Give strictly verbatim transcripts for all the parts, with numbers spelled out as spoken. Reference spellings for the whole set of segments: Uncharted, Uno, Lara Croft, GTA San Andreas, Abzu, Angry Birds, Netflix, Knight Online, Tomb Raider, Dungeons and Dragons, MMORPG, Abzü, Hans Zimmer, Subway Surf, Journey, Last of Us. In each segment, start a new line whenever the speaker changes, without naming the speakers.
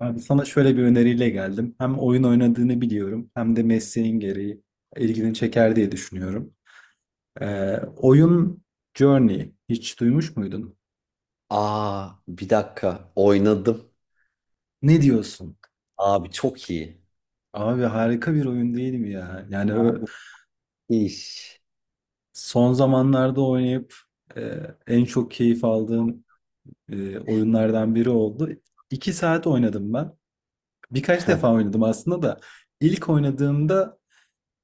Abi sana şöyle bir öneriyle geldim. Hem oyun oynadığını biliyorum hem de mesleğin gereği ilgini çeker diye düşünüyorum. Ee, oyun Journey hiç duymuş muydun?
Aa, bir dakika oynadım.
Ne diyorsun?
Abi çok iyi.
Abi harika bir oyun değil mi ya? Yani ö-
İş.
son zamanlarda oynayıp e, en çok keyif aldığım e, oyunlardan biri oldu. İki saat oynadım ben. Birkaç
Hı.
defa oynadım aslında da ilk oynadığımda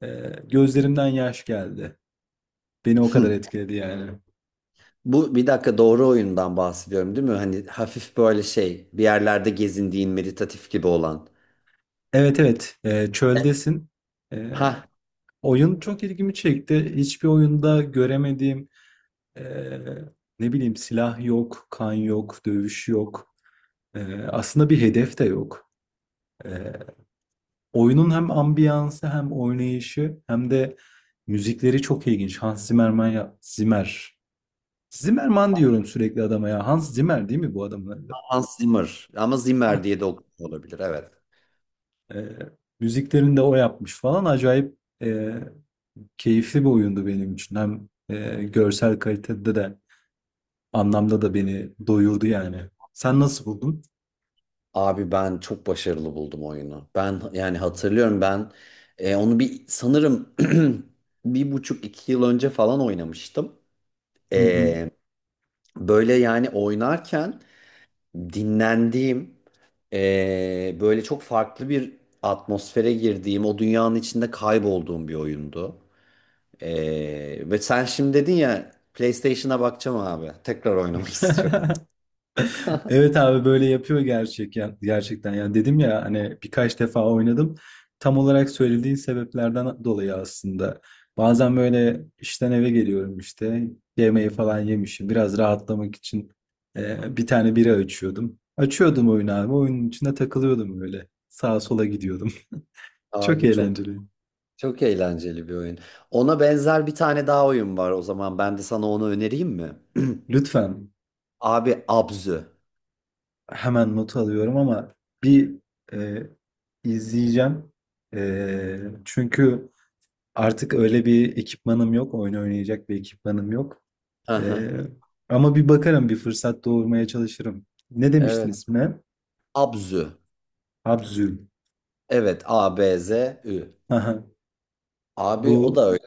e, gözlerimden yaş geldi. Beni o kadar etkiledi yani.
Bu bir dakika doğru oyundan bahsediyorum değil mi? Hani hafif böyle şey bir yerlerde gezindiğin meditatif gibi olan.
Evet, evet. Ee, çöldesin. Ee,
Ha,
oyun çok ilgimi çekti. Hiçbir oyunda göremediğim ee, ne bileyim, silah yok, kan yok, dövüş yok. Ee, aslında bir hedef de yok. Ee, oyunun hem ambiyansı hem oynayışı hem de müzikleri çok ilginç. Hans Zimmerman ya Zimmer. Zimmerman diyorum sürekli adama ya. Hans Zimmer değil mi bu adamın adı?
Hans Zimmer ama
Ah,
Zimmer diye de okunuyor olabilir, evet.
ee, müziklerini de o yapmış falan, acayip e, keyifli bir oyundu benim için. Hem e, görsel kalitede de anlamda da beni doyurdu yani. Sen nasıl buldun?
Abi ben çok başarılı buldum oyunu. Ben yani hatırlıyorum, ben e, onu bir sanırım bir buçuk iki yıl önce falan oynamıştım.
Hı hı.
E, Böyle yani oynarken dinlendiğim, eee, böyle çok farklı bir atmosfere girdiğim, o dünyanın içinde kaybolduğum bir oyundu. Eee, ve sen şimdi dedin ya, PlayStation'a bakacağım abi. Tekrar oynamak istiyorum.
Evet abi, böyle yapıyor gerçek ya, gerçekten. Yani dedim ya hani, birkaç defa oynadım. Tam olarak söylediğin sebeplerden dolayı aslında. Bazen böyle işten eve geliyorum işte. Yemeği falan yemişim. Biraz rahatlamak için e, bir tane bira açıyordum. Açıyordum oyunu abi. Oyunun içinde takılıyordum öyle. Sağa sola gidiyordum. Çok
Abi çok
eğlenceli.
çok eğlenceli bir oyun. Ona benzer bir tane daha oyun var o zaman. Ben de sana onu önereyim mi?
Lütfen,
Abi Abzü.
hemen not alıyorum ama bir e, izleyeceğim. E, çünkü artık öyle bir ekipmanım yok. Oyun oynayacak bir ekipmanım yok.
Hı
Ee,
hı.
ama bir bakarım, bir fırsat doğurmaya çalışırım. Ne demiştin
Evet.
ismine?
Abzü.
Habzül.
Evet, A B Z Ü.
Aha,
Abi o da
bu
öyle.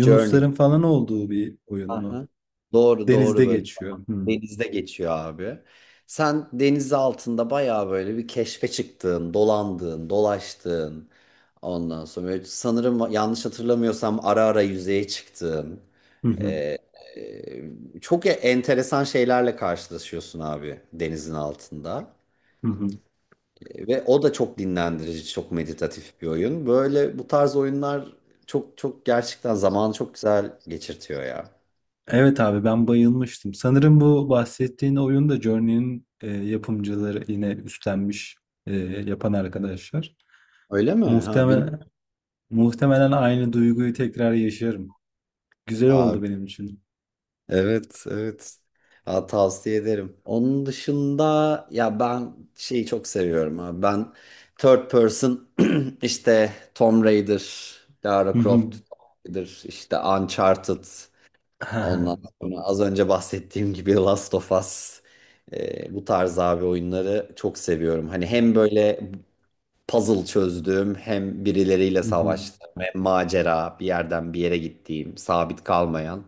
Journey.
falan olduğu bir oyun mu?
Aha. Doğru doğru,
Denizde
böyle.
geçiyor. Hmm.
Denizde geçiyor abi. Sen deniz altında bayağı böyle bir keşfe çıktığın, dolandığın, dolaştığın. Ondan sonra böyle sanırım yanlış hatırlamıyorsam ara ara yüzeye çıktığın.
Hı hı,
e, e, çok e, enteresan şeylerle karşılaşıyorsun abi denizin altında.
hı hı.
E, Ve o da çok dinlendirici, çok meditatif bir oyun. Böyle bu tarz oyunlar çok çok gerçekten zamanı çok güzel geçirtiyor ya.
Evet abi, ben bayılmıştım. Sanırım bu bahsettiğin oyun da Journey'nin e, yapımcıları yine üstlenmiş, e, yapan arkadaşlar.
Öyle mi? Ha, bilmiyorum.
Muhtemelen, muhtemelen aynı duyguyu tekrar yaşarım. Güzel oldu benim için.
Evet, evet. Ha, tavsiye ederim. Onun dışında ya ben şeyi çok seviyorum abi. Ben third person işte Tomb Raider,
Hı
Lara
hı.
Croft, Tomb Raider, işte Uncharted.
He he.
Ondan sonra az önce bahsettiğim gibi Last of Us. Ee, bu tarz abi oyunları çok seviyorum. Hani hem böyle puzzle çözdüğüm, hem birileriyle
Hı hı.
savaştığım, hem macera bir yerden bir yere gittiğim, sabit kalmayan.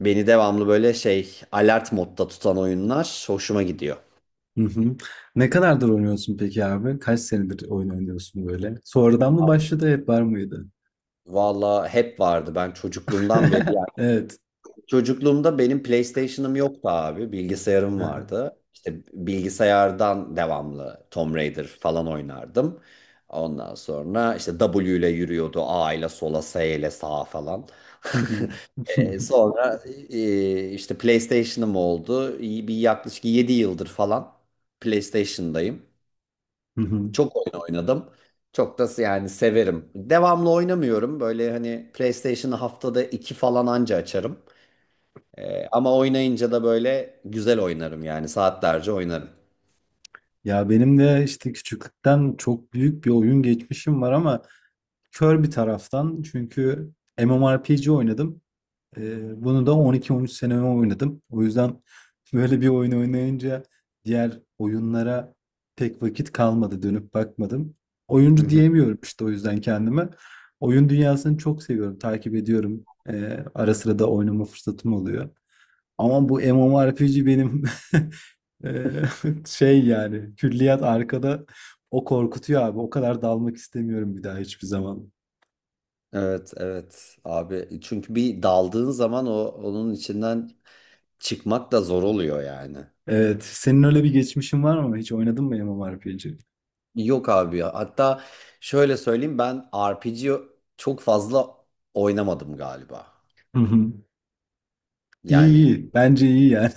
Beni devamlı böyle şey alert modda tutan oyunlar hoşuma gidiyor.
Hı hı. Ne kadardır oynuyorsun peki abi? Kaç senedir oyun oynuyorsun böyle? Sonradan mı başladı, hep var mıydı?
Valla hep vardı, ben çocukluğumdan beri. Yani
Evet.
çocukluğumda benim PlayStation'ım yoktu abi. Bilgisayarım
Hı hı.
vardı. İşte bilgisayardan devamlı Tomb Raider falan oynardım. Ondan sonra işte W ile yürüyordu. A ile sola, S ile sağa falan.
Hı hı.
E, Sonra e, işte PlayStation'ım oldu. İyi. Bir yaklaşık yedi yıldır falan PlayStation'dayım.
Hı hı.
Çok oyun oynadım. Çok da yani severim. Devamlı oynamıyorum. Böyle hani PlayStation'ı haftada iki falan anca açarım. Ee, ama oynayınca da böyle güzel oynarım yani, saatlerce oynarım.
Ya benim de işte küçüklükten çok büyük bir oyun geçmişim var ama kör bir taraftan, çünkü MMORPG oynadım. Ee, bunu da on iki on üç seneme oynadım. O yüzden böyle bir oyun oynayınca diğer oyunlara pek vakit kalmadı. Dönüp bakmadım.
Hı
Oyuncu
hı.
diyemiyorum işte o yüzden kendime. Oyun dünyasını çok seviyorum. Takip ediyorum. Ee, ara sıra da oynama fırsatım oluyor. Ama bu MMORPG benim, ee, şey yani, külliyat arkada, o korkutuyor abi. O kadar dalmak istemiyorum bir daha hiçbir zaman.
Evet, evet abi. Çünkü bir daldığın zaman o onun içinden çıkmak da zor oluyor yani.
Evet. Senin öyle bir geçmişin var mı? Hiç oynadın mı MMORPG?
Yok abi ya. Hatta şöyle söyleyeyim, ben R P G çok fazla oynamadım galiba.
Hı hı. İyi,
Yani
iyi. Bence iyi yani.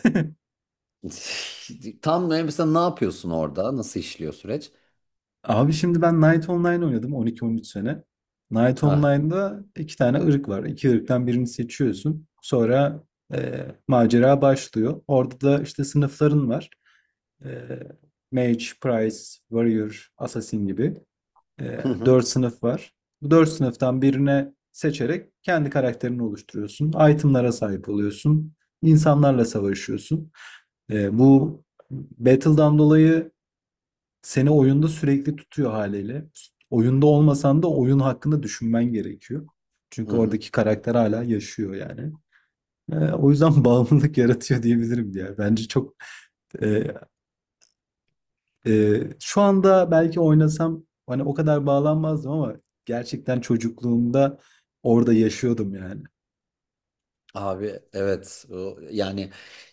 tam ne- mesela ne yapıyorsun orada? Nasıl işliyor süreç?
Abi şimdi, ben Knight Online oynadım on iki on üç sene. Knight
Ha,
Online'da iki tane ırk var. İki ırktan birini seçiyorsun. Sonra e, macera başlıyor. Orada da işte sınıfların var. E, Mage, Priest, Warrior, Assassin gibi. E,
hı hı,
dört sınıf var. Bu dört sınıftan birine seçerek kendi karakterini oluşturuyorsun. Itemlara sahip oluyorsun. İnsanlarla savaşıyorsun. E, bu Battle'dan dolayı seni oyunda sürekli tutuyor haliyle. Oyunda olmasan da oyun hakkında düşünmen gerekiyor.
hı
Çünkü
hı.
oradaki karakter hala yaşıyor yani. Ee, o yüzden bağımlılık yaratıyor diyebilirim diye. Bence çok e, e, şu anda belki oynasam hani o kadar bağlanmazdım ama gerçekten çocukluğumda orada yaşıyordum yani.
Abi evet, O- yani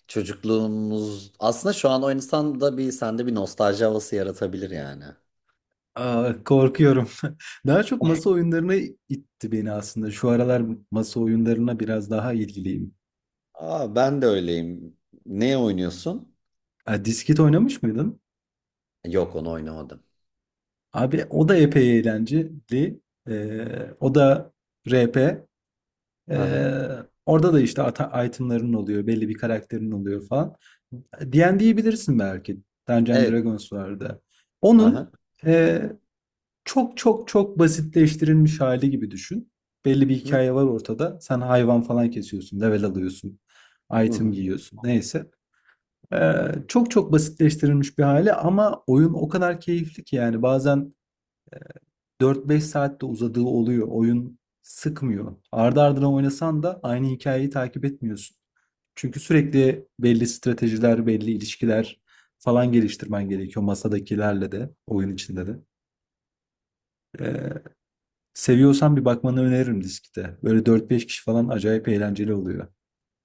çocukluğumuz aslında şu an o insanda bir, sende bir nostalji havası yaratabilir yani.
Aa, korkuyorum. Daha çok masa oyunlarına itti beni aslında. Şu aralar masa oyunlarına biraz daha ilgiliyim.
Aa, ben de öyleyim. Ne oynuyorsun?
Ha, disket oynamış mıydın?
Yok, onu oynamadım.
Abi o da epey eğlenceli. Ee, o da R P.
Hı hı.
Ee, orada da işte ata- itemların oluyor, belli bir karakterin oluyor falan. D ve D'yi bilirsin belki. Dungeons and
Evet.
Dragons vardı.
Hı
Onun
hı.
e, çok çok çok basitleştirilmiş hali gibi düşün. Belli bir hikaye var ortada. Sen hayvan falan kesiyorsun, level alıyorsun,
Hı
item
hı.
giyiyorsun. Neyse. Ee, çok çok basitleştirilmiş bir hali ama oyun o kadar keyifli ki yani bazen dört beş saatte uzadığı oluyor. Oyun sıkmıyor. Ardı ardına oynasan da aynı hikayeyi takip etmiyorsun. Çünkü sürekli belli stratejiler, belli ilişkiler falan geliştirmen gerekiyor masadakilerle de, oyun içinde de. Ee, seviyorsan bir bakmanı öneririm diskte. Böyle dört beş kişi falan acayip eğlenceli oluyor.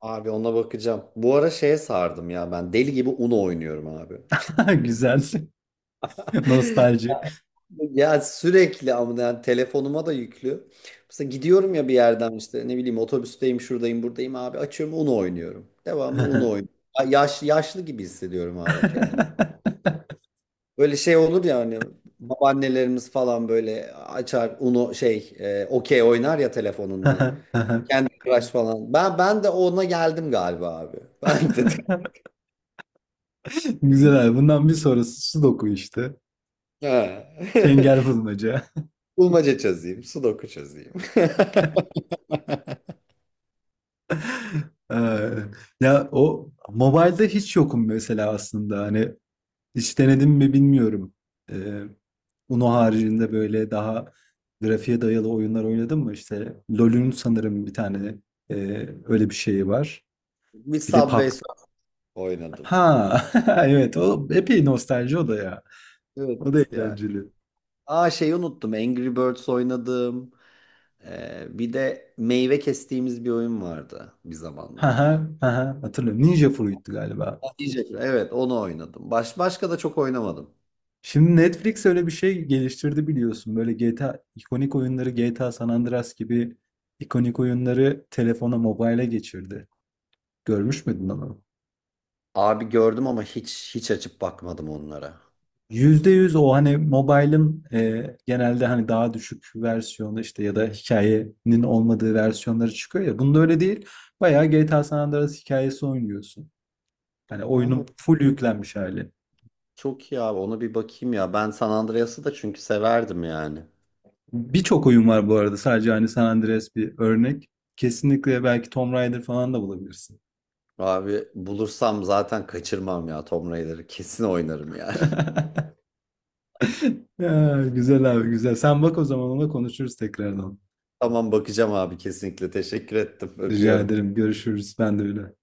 Abi ona bakacağım. Bu ara şeye sardım ya, ben deli gibi Uno oynuyorum abi.
Güzel. Nostalji.
Ya sürekli, ama yani telefonuma da yüklü. Mesela gidiyorum ya bir yerden, işte ne bileyim otobüsteyim, şuradayım, buradayım abi, açıyorum Uno oynuyorum. Devamlı Uno oynuyorum. Ya- yaş, yaşlı gibi hissediyorum abi kendimi. Böyle şey olur ya hani, babaannelerimiz falan böyle açar Uno şey e, okey oynar ya telefonundan. Kendi Crush falan. Ben ben de ona geldim galiba abi. Ben de
Güzel abi. Bundan bir sonrası Sudoku işte.
ha.
Çengel bulmaca.
Bulmaca çözeyim, sudoku çözeyim.
Eee, ya o mobilde hiç yokum mesela aslında. Hani hiç denedim mi bilmiyorum. Eee Uno haricinde böyle daha grafiğe dayalı oyunlar oynadım mı? İşte LoL'ün sanırım bir tane eee, öyle bir şeyi var.
Bir
Bir de pub.
Subway Surf oynadım.
Ha, evet, o epey nostalji o da ya. O da
Evet ya.
eğlenceli.
Aa, şeyi unuttum. Angry Birds oynadım. Ee, bir de meyve kestiğimiz bir oyun vardı bir
Ha, ha,
zamanlar.
ha, hatırlıyorum. Ninja Fruit'tu galiba.
Ha, Yiyecekler. Evet, onu oynadım. Baş, başka da çok oynamadım.
Şimdi Netflix öyle bir şey geliştirdi biliyorsun. Böyle G T A, ikonik oyunları, G T A San Andreas gibi ikonik oyunları telefona, mobile'e geçirdi. Görmüş müydün onu?
Abi gördüm ama hiç hiç açıp bakmadım onlara.
Yüzde yüz o, hani mobile'ın e, genelde hani daha düşük versiyonu işte ya da hikayenin olmadığı versiyonları çıkıyor ya. Bunda öyle değil. Bayağı G T A San Andreas hikayesi oynuyorsun. Hani oyunun
Aa,
full yüklenmiş hali.
çok iyi abi, ona bir bakayım ya. Ben San Andreas'ı da çünkü severdim yani.
Birçok oyun var bu arada. Sadece hani San Andreas bir örnek. Kesinlikle belki Tomb Raider falan da bulabilirsin.
Abi bulursam zaten kaçırmam ya Tomb Raider'ı. Kesin oynarım yani.
Ya, güzel abi, güzel. Sen bak o zaman, ona konuşuruz tekrardan.
Tamam, bakacağım abi kesinlikle. Teşekkür ettim.
Rica
Öpüyorum.
ederim. Görüşürüz. Ben de öyle.